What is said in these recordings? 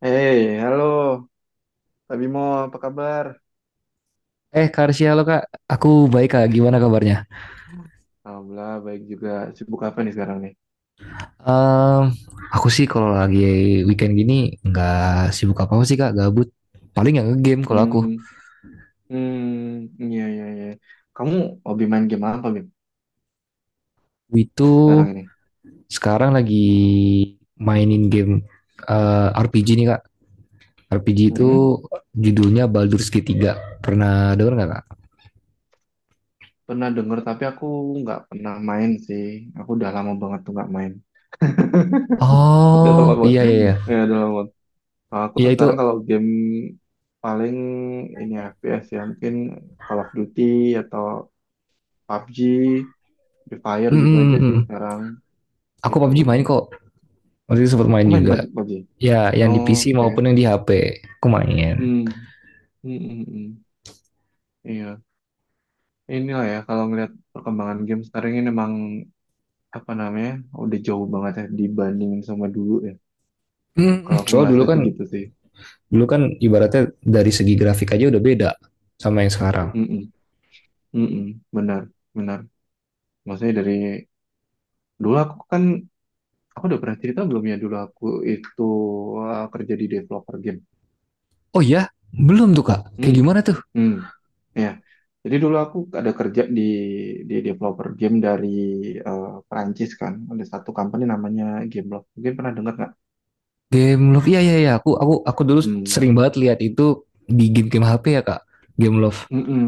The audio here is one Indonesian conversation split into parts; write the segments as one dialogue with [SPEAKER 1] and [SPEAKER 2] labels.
[SPEAKER 1] Hey, halo, Pak, apa kabar?
[SPEAKER 2] Karsia, lo Kak. Aku baik, Kak. Gimana kabarnya?
[SPEAKER 1] Alhamdulillah, baik juga. Sibuk apa nih sekarang nih?
[SPEAKER 2] Em, aku sih kalau lagi weekend gini nggak sibuk apa-apa sih, Kak. Gabut. Paling nggak nge-game kalau aku.
[SPEAKER 1] Hmm, hmm, iya, iya, iya. Kamu hobi main game apa, Bim,
[SPEAKER 2] Itu
[SPEAKER 1] sekarang ini?
[SPEAKER 2] sekarang lagi mainin game RPG nih, Kak. RPG
[SPEAKER 1] Hmm,
[SPEAKER 2] itu judulnya Baldur's Gate 3. Pernah denger nggak, Kak?
[SPEAKER 1] pernah denger, tapi aku nggak pernah main sih. Aku udah lama banget tuh nggak main. Udah lama
[SPEAKER 2] Oh,
[SPEAKER 1] banget.
[SPEAKER 2] iya, iya, iya.
[SPEAKER 1] Ya, udah lama banget. Nah, aku
[SPEAKER 2] Iya, itu.
[SPEAKER 1] sekarang kalau game paling ini FPS ya, mungkin Call of Duty atau PUBG, Free Fire
[SPEAKER 2] Mm,
[SPEAKER 1] gitu
[SPEAKER 2] mm,
[SPEAKER 1] aja
[SPEAKER 2] mm,
[SPEAKER 1] sih
[SPEAKER 2] mm.
[SPEAKER 1] sekarang,
[SPEAKER 2] Aku
[SPEAKER 1] gitu.
[SPEAKER 2] PUBG main kok. Waktu itu sempat main
[SPEAKER 1] Kamu main
[SPEAKER 2] juga.
[SPEAKER 1] PUBG?
[SPEAKER 2] Ya, yang di
[SPEAKER 1] Oh,
[SPEAKER 2] PC maupun
[SPEAKER 1] oke.
[SPEAKER 2] yang di HP. Aku main.
[SPEAKER 1] Hmm. Hmm, hmm, hmm. Iya. Inilah ya, kalau ngelihat perkembangan game sekarang ini emang apa namanya udah jauh banget ya dibandingin sama dulu ya.
[SPEAKER 2] Hmm,
[SPEAKER 1] Kalau aku
[SPEAKER 2] soal dulu
[SPEAKER 1] ngerasa
[SPEAKER 2] kan
[SPEAKER 1] sih gitu sih.
[SPEAKER 2] Dulu kan ibaratnya dari segi grafik aja udah beda sama yang sekarang.
[SPEAKER 1] Hmm. Hmm. Hmm, hmm. Benar. Benar. Maksudnya dari dulu aku kan, aku udah pernah cerita belum ya dulu aku itu kerja di developer game.
[SPEAKER 2] Oh ya, belum tuh Kak. Kayak gimana tuh?
[SPEAKER 1] Hmm, ya. Jadi dulu aku ada kerja di developer game dari Perancis kan. Ada satu company namanya Gameloft. Mungkin pernah dengar nggak?
[SPEAKER 2] Game Love, iya, iya, iya. Aku dulu sering
[SPEAKER 1] Hmm,
[SPEAKER 2] banget lihat itu di game-game HP ya Kak. Game Love.
[SPEAKER 1] mm-mm,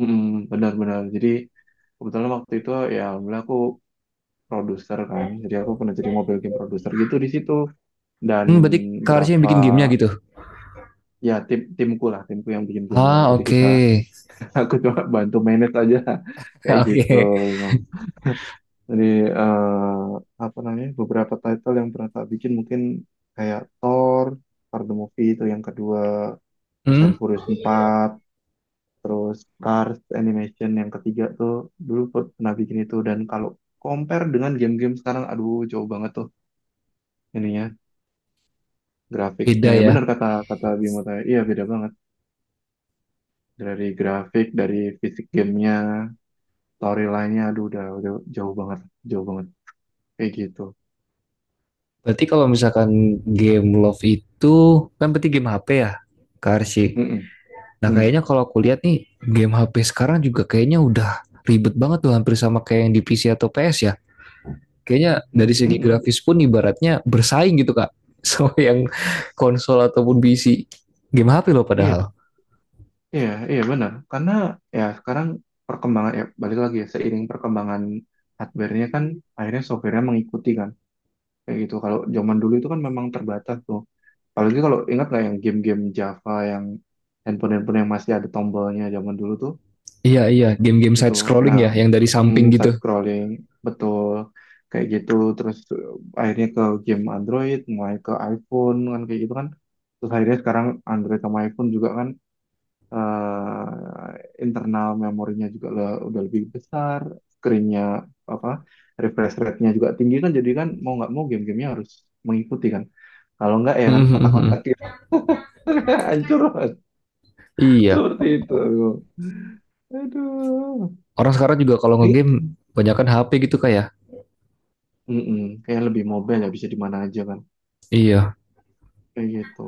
[SPEAKER 1] mm-mm, benar-benar. Jadi kebetulan waktu itu ya, alhamdulillah, aku produser kan. Jadi aku pernah jadi mobile game produser gitu di situ. Dan
[SPEAKER 2] Berarti Kak Arsy yang
[SPEAKER 1] berapa
[SPEAKER 2] bikin gamenya gitu.
[SPEAKER 1] ya, timku lah, timku yang bikin gamenya.
[SPEAKER 2] Ah,
[SPEAKER 1] Jadi kita
[SPEAKER 2] oke.
[SPEAKER 1] aku coba bantu manage aja,
[SPEAKER 2] Okay.
[SPEAKER 1] kayak
[SPEAKER 2] Oke.
[SPEAKER 1] gitu.
[SPEAKER 2] Okay.
[SPEAKER 1] Jadi eh, apa namanya, beberapa title yang pernah tak bikin mungkin kayak Thor, Thor the Movie itu yang kedua, Fast
[SPEAKER 2] Hmm,
[SPEAKER 1] and Furious 4, terus Cars Animation yang ketiga tuh dulu pernah bikin itu, dan kalau compare dengan game-game sekarang, aduh, jauh banget tuh ininya, grafiknya,
[SPEAKER 2] Beda
[SPEAKER 1] ya
[SPEAKER 2] ya.
[SPEAKER 1] benar kata kata Bimo tadi, iya, beda banget dari grafik, dari fisik gamenya, storyline-nya, aduh, udah jauh banget, jauh banget, kayak gitu.
[SPEAKER 2] Berarti kalau misalkan game Love itu kan berarti game HP ya, Kak Arsy.
[SPEAKER 1] Mm -mm,
[SPEAKER 2] Nah,
[SPEAKER 1] mm,
[SPEAKER 2] kayaknya kalau aku lihat nih game HP sekarang juga kayaknya udah ribet banget tuh, hampir sama kayak yang di PC atau PS ya. Kayaknya
[SPEAKER 1] mm,
[SPEAKER 2] dari
[SPEAKER 1] mm,
[SPEAKER 2] segi
[SPEAKER 1] mm.
[SPEAKER 2] grafis pun ibaratnya bersaing gitu Kak, sama yang konsol ataupun PC, game HP loh
[SPEAKER 1] Iya,
[SPEAKER 2] padahal.
[SPEAKER 1] iya, iya, benar. Karena ya sekarang perkembangan ya balik lagi ya, seiring perkembangan hardware-nya kan, akhirnya software-nya mengikuti kan. Kayak gitu. Kalau zaman dulu itu kan memang terbatas tuh. Apalagi kalau ingat nggak yang game-game Java yang handphone-handphone yang masih ada tombolnya zaman dulu tuh
[SPEAKER 2] Iya, iya, game-game
[SPEAKER 1] itu.
[SPEAKER 2] side scrolling
[SPEAKER 1] Nah,
[SPEAKER 2] ya, yang dari
[SPEAKER 1] hmm,
[SPEAKER 2] samping gitu.
[SPEAKER 1] side scrolling, betul, kayak gitu. Terus akhirnya ke game Android, mulai ke iPhone kan, kayak gitu kan. Terus akhirnya sekarang Android sama iPhone juga kan, eh, internal memorinya juga udah lebih besar, screen-nya, apa, refresh rate-nya juga tinggi kan, jadi kan mau nggak mau game-gamenya harus mengikuti kan. Kalau nggak ya kan
[SPEAKER 2] Mm-hmm.
[SPEAKER 1] kotak-kotak gitu, hancur Mas.
[SPEAKER 2] Iya,
[SPEAKER 1] Seperti itu. Aduh.
[SPEAKER 2] orang sekarang juga kalau
[SPEAKER 1] Jadi,
[SPEAKER 2] ngegame banyakkan HP gitu Kak ya?
[SPEAKER 1] mm-mm, kayak lebih mobile ya, bisa di mana aja kan.
[SPEAKER 2] Iya,
[SPEAKER 1] Kayak gitu.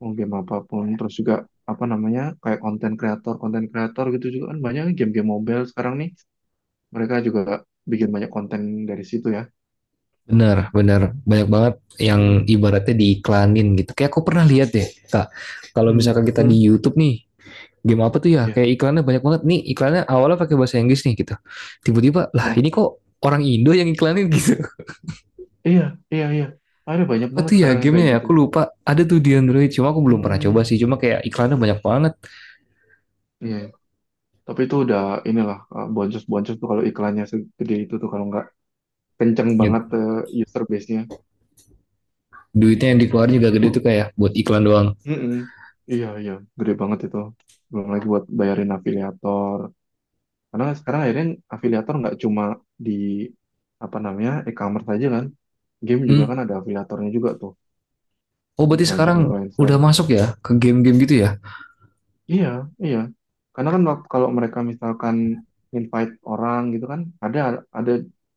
[SPEAKER 1] Mau game apapun, terus juga apa namanya, kayak konten kreator, konten kreator gitu juga kan, banyak nih game-game mobile sekarang nih, mereka juga bikin banyak konten dari situ ya.
[SPEAKER 2] benar, benar, banyak banget yang
[SPEAKER 1] Hmm.
[SPEAKER 2] ibaratnya diiklanin gitu, kayak aku pernah lihat deh Kak. Kalau
[SPEAKER 1] Hmm,
[SPEAKER 2] misalkan kita di
[SPEAKER 1] hmm,
[SPEAKER 2] YouTube nih, game apa tuh ya,
[SPEAKER 1] ya.
[SPEAKER 2] kayak iklannya banyak banget nih, iklannya awalnya pakai bahasa Inggris nih gitu, tiba-tiba lah
[SPEAKER 1] Oh,
[SPEAKER 2] ini kok orang Indo yang iklanin. Gitu.
[SPEAKER 1] iya, iya, iya. Ada banyak
[SPEAKER 2] Apa
[SPEAKER 1] banget
[SPEAKER 2] tuh ya
[SPEAKER 1] sekarang yang
[SPEAKER 2] gamenya
[SPEAKER 1] kayak
[SPEAKER 2] ya?
[SPEAKER 1] gitu.
[SPEAKER 2] Aku lupa. Ada tuh di Android. Cuma aku belum pernah coba
[SPEAKER 1] Hmm,
[SPEAKER 2] sih. Cuma kayak iklannya banyak banget.
[SPEAKER 1] iya. Iya. Tapi itu udah inilah, boncos-boncos tuh kalau iklannya segede itu tuh, kalau nggak kenceng banget user base-nya.
[SPEAKER 2] Duitnya yang dikeluarin juga gede tuh, kayak buat iklan doang.
[SPEAKER 1] Mm-mm. Iya, iya, gede banget itu. Belum lagi buat bayarin afiliator. Karena sekarang akhirnya afiliator nggak cuma di apa namanya e-commerce aja kan. Game juga
[SPEAKER 2] Hmm.
[SPEAKER 1] kan ada afiliatornya juga tuh,
[SPEAKER 2] Oh, berarti sekarang udah
[SPEAKER 1] influencer-influencer.
[SPEAKER 2] masuk ya ke game-game gitu ya?
[SPEAKER 1] Iya, iya. Karena kan kalau mereka misalkan invite orang gitu kan, ada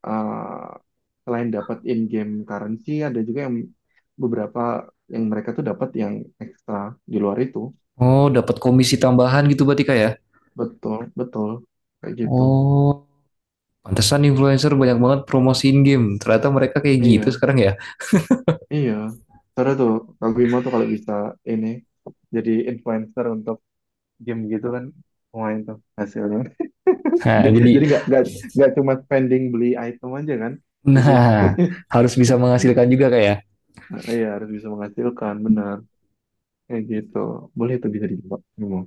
[SPEAKER 1] eh, selain dapat in-game currency, ada juga yang beberapa yang mereka tuh dapat yang ekstra di luar itu.
[SPEAKER 2] Oh, dapat komisi tambahan gitu berarti Kak ya?
[SPEAKER 1] Betul, betul. Kayak gitu.
[SPEAKER 2] Oh, pantesan influencer banyak banget promosiin game. Ternyata mereka kayak gitu
[SPEAKER 1] Iya,
[SPEAKER 2] sekarang ya.
[SPEAKER 1] iya. Seru tuh, Kak Bimo tuh kalau bisa ini jadi influencer untuk game gitu kan, lumayan tuh hasilnya.
[SPEAKER 2] Nah, jadi
[SPEAKER 1] Jadi nggak cuma spending beli item aja kan. Jadi
[SPEAKER 2] nah, harus bisa menghasilkan juga Kak ya.
[SPEAKER 1] nah, iya harus bisa menghasilkan, benar, kayak gitu, boleh, itu bisa dicoba, memang,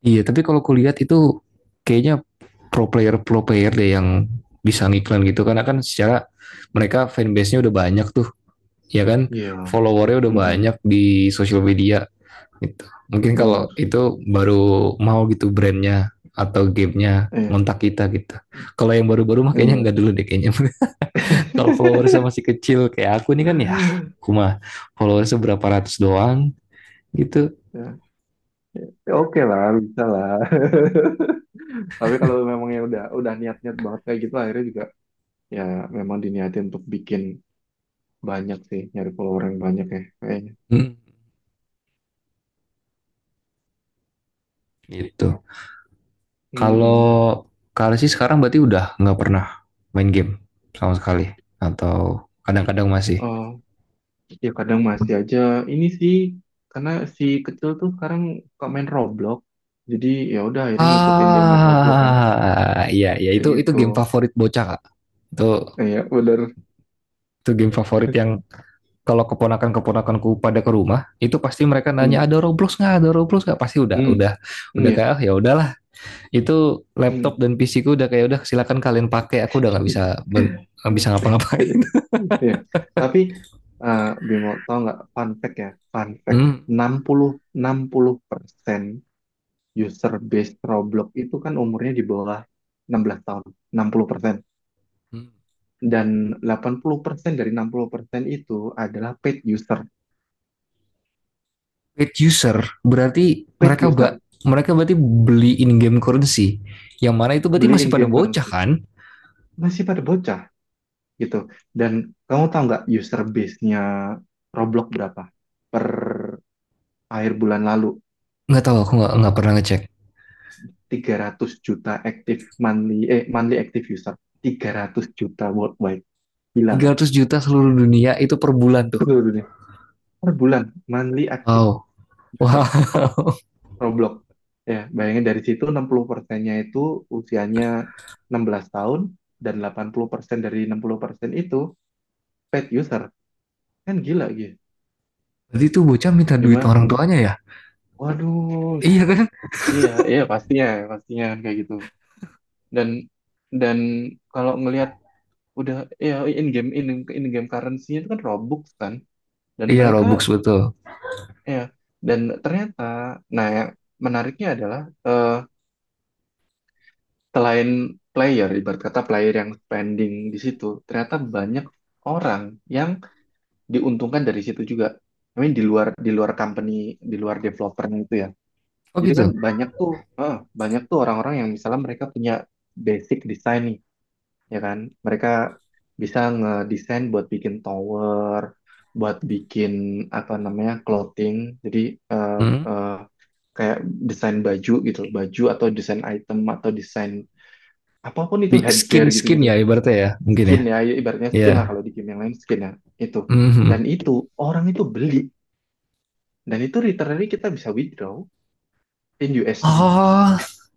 [SPEAKER 2] Iya, tapi kalau kulihat itu kayaknya pro player, pro player deh yang bisa ngiklan gitu, karena kan secara mereka fanbase-nya udah banyak tuh, ya kan?
[SPEAKER 1] iya,
[SPEAKER 2] Followernya udah banyak
[SPEAKER 1] mm,
[SPEAKER 2] di sosial media gitu. Mungkin
[SPEAKER 1] benar,
[SPEAKER 2] kalau itu baru mau gitu brandnya atau gamenya
[SPEAKER 1] eh
[SPEAKER 2] ngontak kita gitu. Kalau yang baru-baru mah kayaknya
[SPEAKER 1] iya.
[SPEAKER 2] nggak dulu deh kayaknya. Kalau followersnya masih kecil kayak aku nih kan ya, aku mah followersnya berapa ratus doang gitu.
[SPEAKER 1] Ya, ya, oke lah, bisa lah, tapi kalau memang ya udah niat-niat banget kayak gitu akhirnya juga ya memang diniatin untuk bikin banyak sih, nyari follower yang banyak ya kayaknya,
[SPEAKER 2] Hmm, gitu. Kalau
[SPEAKER 1] mm.
[SPEAKER 2] Kak sih sekarang berarti udah nggak pernah main game sama sekali, atau kadang-kadang masih.
[SPEAKER 1] Ya kadang masih aja ini sih, karena si kecil tuh sekarang suka main Roblox. Jadi ya udah akhirnya ngikutin dia main Roblox kan,
[SPEAKER 2] Ah, iya, iya,
[SPEAKER 1] kayak
[SPEAKER 2] itu
[SPEAKER 1] gitu.
[SPEAKER 2] game favorit bocah Kak. Itu
[SPEAKER 1] Eh, ya bener.
[SPEAKER 2] itu game favorit yang kalau keponakan-keponakanku pada ke rumah, itu pasti mereka nanya,
[SPEAKER 1] Hmm,
[SPEAKER 2] "Ada Roblox nggak, ada Roblox nggak," pasti udah
[SPEAKER 1] hmm,
[SPEAKER 2] udah
[SPEAKER 1] hmm,
[SPEAKER 2] udah
[SPEAKER 1] ya.
[SPEAKER 2] kayak, "Ah, ya udahlah. Itu
[SPEAKER 1] Hmm.
[SPEAKER 2] laptop dan PC ku udah kayak, udah, silakan kalian pakai, aku udah nggak bisa ngapa-ngapain."
[SPEAKER 1] Ya. Tapi eh Bimo tau nggak fun fact ya? Fun fact, enam enam puluh persen user base Roblox itu kan umurnya di bawah 16 tahun, 60%.
[SPEAKER 2] Hmm.
[SPEAKER 1] Dan 80% dari 60% itu adalah paid user.
[SPEAKER 2] Paid user berarti
[SPEAKER 1] Paid user,
[SPEAKER 2] mereka berarti beli in game currency, yang mana itu berarti
[SPEAKER 1] beli
[SPEAKER 2] masih
[SPEAKER 1] in
[SPEAKER 2] pada
[SPEAKER 1] game
[SPEAKER 2] bocah
[SPEAKER 1] currency,
[SPEAKER 2] kan.
[SPEAKER 1] masih pada bocah gitu. Dan kamu tahu nggak user base-nya Roblox berapa per akhir bulan lalu?
[SPEAKER 2] Nggak tahu, aku nggak pernah ngecek.
[SPEAKER 1] 300 juta active monthly active user, 300 juta worldwide, gila nggak,
[SPEAKER 2] 300 juta seluruh dunia itu per bulan tuh?
[SPEAKER 1] seluruh dunia per bulan, monthly active
[SPEAKER 2] Wow,
[SPEAKER 1] user
[SPEAKER 2] wow.
[SPEAKER 1] Roblox. Ya bayangin, dari situ 60 persennya itu usianya 16 tahun, dan 80% dari 60 persen itu paid user, kan gila gitu.
[SPEAKER 2] Berarti tuh bocah minta duit
[SPEAKER 1] Gimana?
[SPEAKER 2] orang tuanya ya,
[SPEAKER 1] Waduh.
[SPEAKER 2] iya kan.
[SPEAKER 1] Iya, iya, pastinya, pastinya kan kayak gitu. Dan dan kalau ngelihat udah ya, in game in, in game currency-nya itu kan Robux kan. Dan
[SPEAKER 2] Iya, robux
[SPEAKER 1] mereka,
[SPEAKER 2] betul.
[SPEAKER 1] ya, dan ternyata, nah, yang menariknya adalah eh, selain player, ibarat kata player yang spending di situ, ternyata banyak orang yang diuntungkan dari situ juga. I mean, di luar company, di luar developernya itu ya.
[SPEAKER 2] Oh,
[SPEAKER 1] Jadi kan
[SPEAKER 2] gitu.
[SPEAKER 1] eh, banyak tuh orang-orang yang misalnya mereka punya basic design, ya kan? Mereka bisa ngedesain buat bikin tower, buat bikin apa namanya clothing, jadi eh,
[SPEAKER 2] Hmm?
[SPEAKER 1] eh, kayak desain baju gitu, baju, atau desain item, atau desain apapun, itu
[SPEAKER 2] Skin,
[SPEAKER 1] headgear
[SPEAKER 2] skin
[SPEAKER 1] gitu-gitu,
[SPEAKER 2] ya, ibaratnya ya, mungkin ya.
[SPEAKER 1] skin ya, ya ibaratnya
[SPEAKER 2] Iya.
[SPEAKER 1] skin lah kalau di game yang lain, skin ya itu.
[SPEAKER 2] Mhm.
[SPEAKER 1] Dan itu orang itu beli, dan itu literally kita bisa withdraw in USD.
[SPEAKER 2] Oh,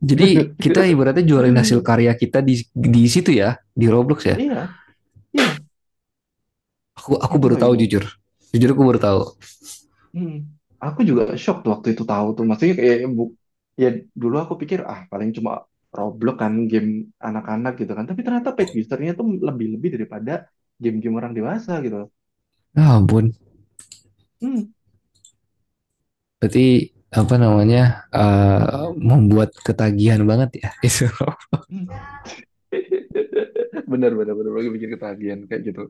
[SPEAKER 2] jadi kita ibaratnya jualin hasil karya kita di situ ya, di roblox ya.
[SPEAKER 1] Iya, iya,
[SPEAKER 2] Aku
[SPEAKER 1] itu
[SPEAKER 2] baru
[SPEAKER 1] Kak
[SPEAKER 2] tahu
[SPEAKER 1] Bimo.
[SPEAKER 2] jujur. Jujur, aku baru tahu.
[SPEAKER 1] Hmm. Aku juga shock tuh waktu itu tahu tuh. Maksudnya kayak ya dulu aku pikir, ah, paling cuma Roblox kan game anak-anak gitu kan. Tapi ternyata paid usernya tuh lebih-lebih daripada game-game orang dewasa gitu.
[SPEAKER 2] Ya ampun.
[SPEAKER 1] Hmm.
[SPEAKER 2] Berarti apa namanya, membuat ketagihan banget ya itu.
[SPEAKER 1] Hmm. Bener, bener, bener. Lagi bikin ketagihan kayak gitu.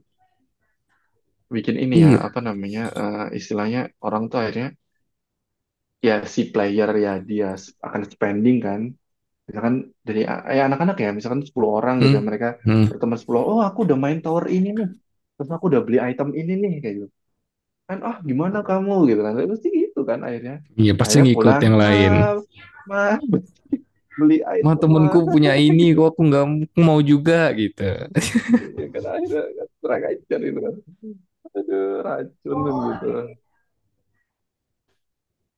[SPEAKER 1] Bikin ini ya,
[SPEAKER 2] Iya.
[SPEAKER 1] apa namanya, istilahnya orang tuh akhirnya, ya si player ya dia akan spending kan. Misalkan dari ya anak-anak ya, misalkan 10 orang gitu.
[SPEAKER 2] Hmm.
[SPEAKER 1] Mereka
[SPEAKER 2] Hmm.
[SPEAKER 1] berteman 10, oh, aku udah main tower ini nih. Terus aku udah beli item ini nih, kayak gitu. Kan, oh gimana kamu gitu kan, tapi pasti gitu kan, akhirnya
[SPEAKER 2] Iya, pasti
[SPEAKER 1] akhirnya
[SPEAKER 2] ngikut
[SPEAKER 1] pulang,
[SPEAKER 2] yang
[SPEAKER 1] ma,
[SPEAKER 2] lain.
[SPEAKER 1] ma, beli
[SPEAKER 2] "Ma,
[SPEAKER 1] item ma.
[SPEAKER 2] temenku punya ini kok, aku nggak mau juga gitu."
[SPEAKER 1] Iya kan akhirnya kan, kurang ajar gitu kan, aduh racun gitu,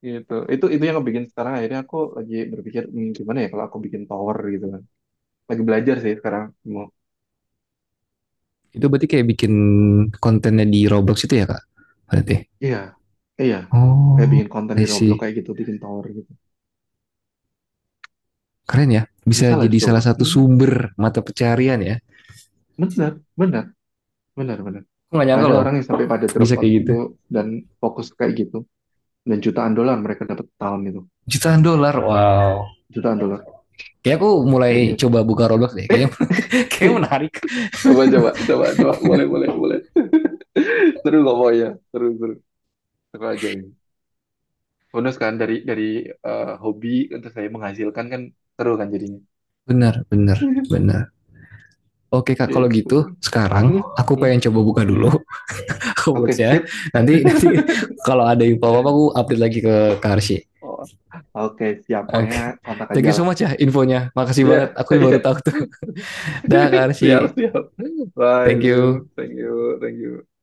[SPEAKER 1] gitu itu yang bikin sekarang akhirnya aku lagi berpikir, "Hmm, gimana ya kalau aku bikin tower gitu kan, lagi belajar sih sekarang, mau..."
[SPEAKER 2] Itu berarti kayak bikin kontennya di Roblox itu ya Kak? Berarti.
[SPEAKER 1] Iya, iya, kayak
[SPEAKER 2] Oh,
[SPEAKER 1] bikin konten
[SPEAKER 2] I
[SPEAKER 1] di Roblox
[SPEAKER 2] see.
[SPEAKER 1] kayak gitu, bikin tower gitu.
[SPEAKER 2] Keren ya. Bisa
[SPEAKER 1] Bisa lah
[SPEAKER 2] jadi
[SPEAKER 1] dicoba.
[SPEAKER 2] salah satu
[SPEAKER 1] Hmm,
[SPEAKER 2] sumber mata pencarian ya.
[SPEAKER 1] benar, benar, benar, benar.
[SPEAKER 2] Aku nggak nyangka
[SPEAKER 1] Ada
[SPEAKER 2] loh
[SPEAKER 1] orang yang sampai pada drop
[SPEAKER 2] bisa
[SPEAKER 1] out
[SPEAKER 2] kayak gitu.
[SPEAKER 1] tuh dan fokus kayak gitu. Dan jutaan dolar mereka dapat tahun itu.
[SPEAKER 2] Jutaan dolar, wow.
[SPEAKER 1] Jutaan dolar,
[SPEAKER 2] Kayak aku
[SPEAKER 1] kayak
[SPEAKER 2] mulai
[SPEAKER 1] gitu.
[SPEAKER 2] coba buka Roblox deh. Kayaknya kayak menarik.
[SPEAKER 1] Coba, coba, coba, coba, boleh, boleh, boleh. Seru kok pokoknya. Seru, seru. Seru aja ini. Bonus kan dari hobi untuk saya menghasilkan kan, seru kan jadinya.
[SPEAKER 2] Bener, bener, bener. Oke Kak, kalau
[SPEAKER 1] Gitu.
[SPEAKER 2] gitu sekarang
[SPEAKER 1] Hmm,
[SPEAKER 2] aku
[SPEAKER 1] hmm,
[SPEAKER 2] pengen coba buka
[SPEAKER 1] hmm.
[SPEAKER 2] dulu
[SPEAKER 1] Oke,
[SPEAKER 2] Robloxnya.
[SPEAKER 1] sip.
[SPEAKER 2] Nanti, nanti kalau ada info apa aku update lagi ke Karsi.
[SPEAKER 1] Oh, oke, siap.
[SPEAKER 2] Oke,
[SPEAKER 1] Pokoknya
[SPEAKER 2] okay.
[SPEAKER 1] kontak
[SPEAKER 2] Thank
[SPEAKER 1] aja
[SPEAKER 2] you so
[SPEAKER 1] lah.
[SPEAKER 2] much ya infonya. Makasih
[SPEAKER 1] Iya,
[SPEAKER 2] banget. Aku baru
[SPEAKER 1] iya.
[SPEAKER 2] tahu tuh. Dah
[SPEAKER 1] Siap,
[SPEAKER 2] Karsi,
[SPEAKER 1] siap. Bye,
[SPEAKER 2] thank
[SPEAKER 1] Bim.
[SPEAKER 2] you.
[SPEAKER 1] Thank you, thank you.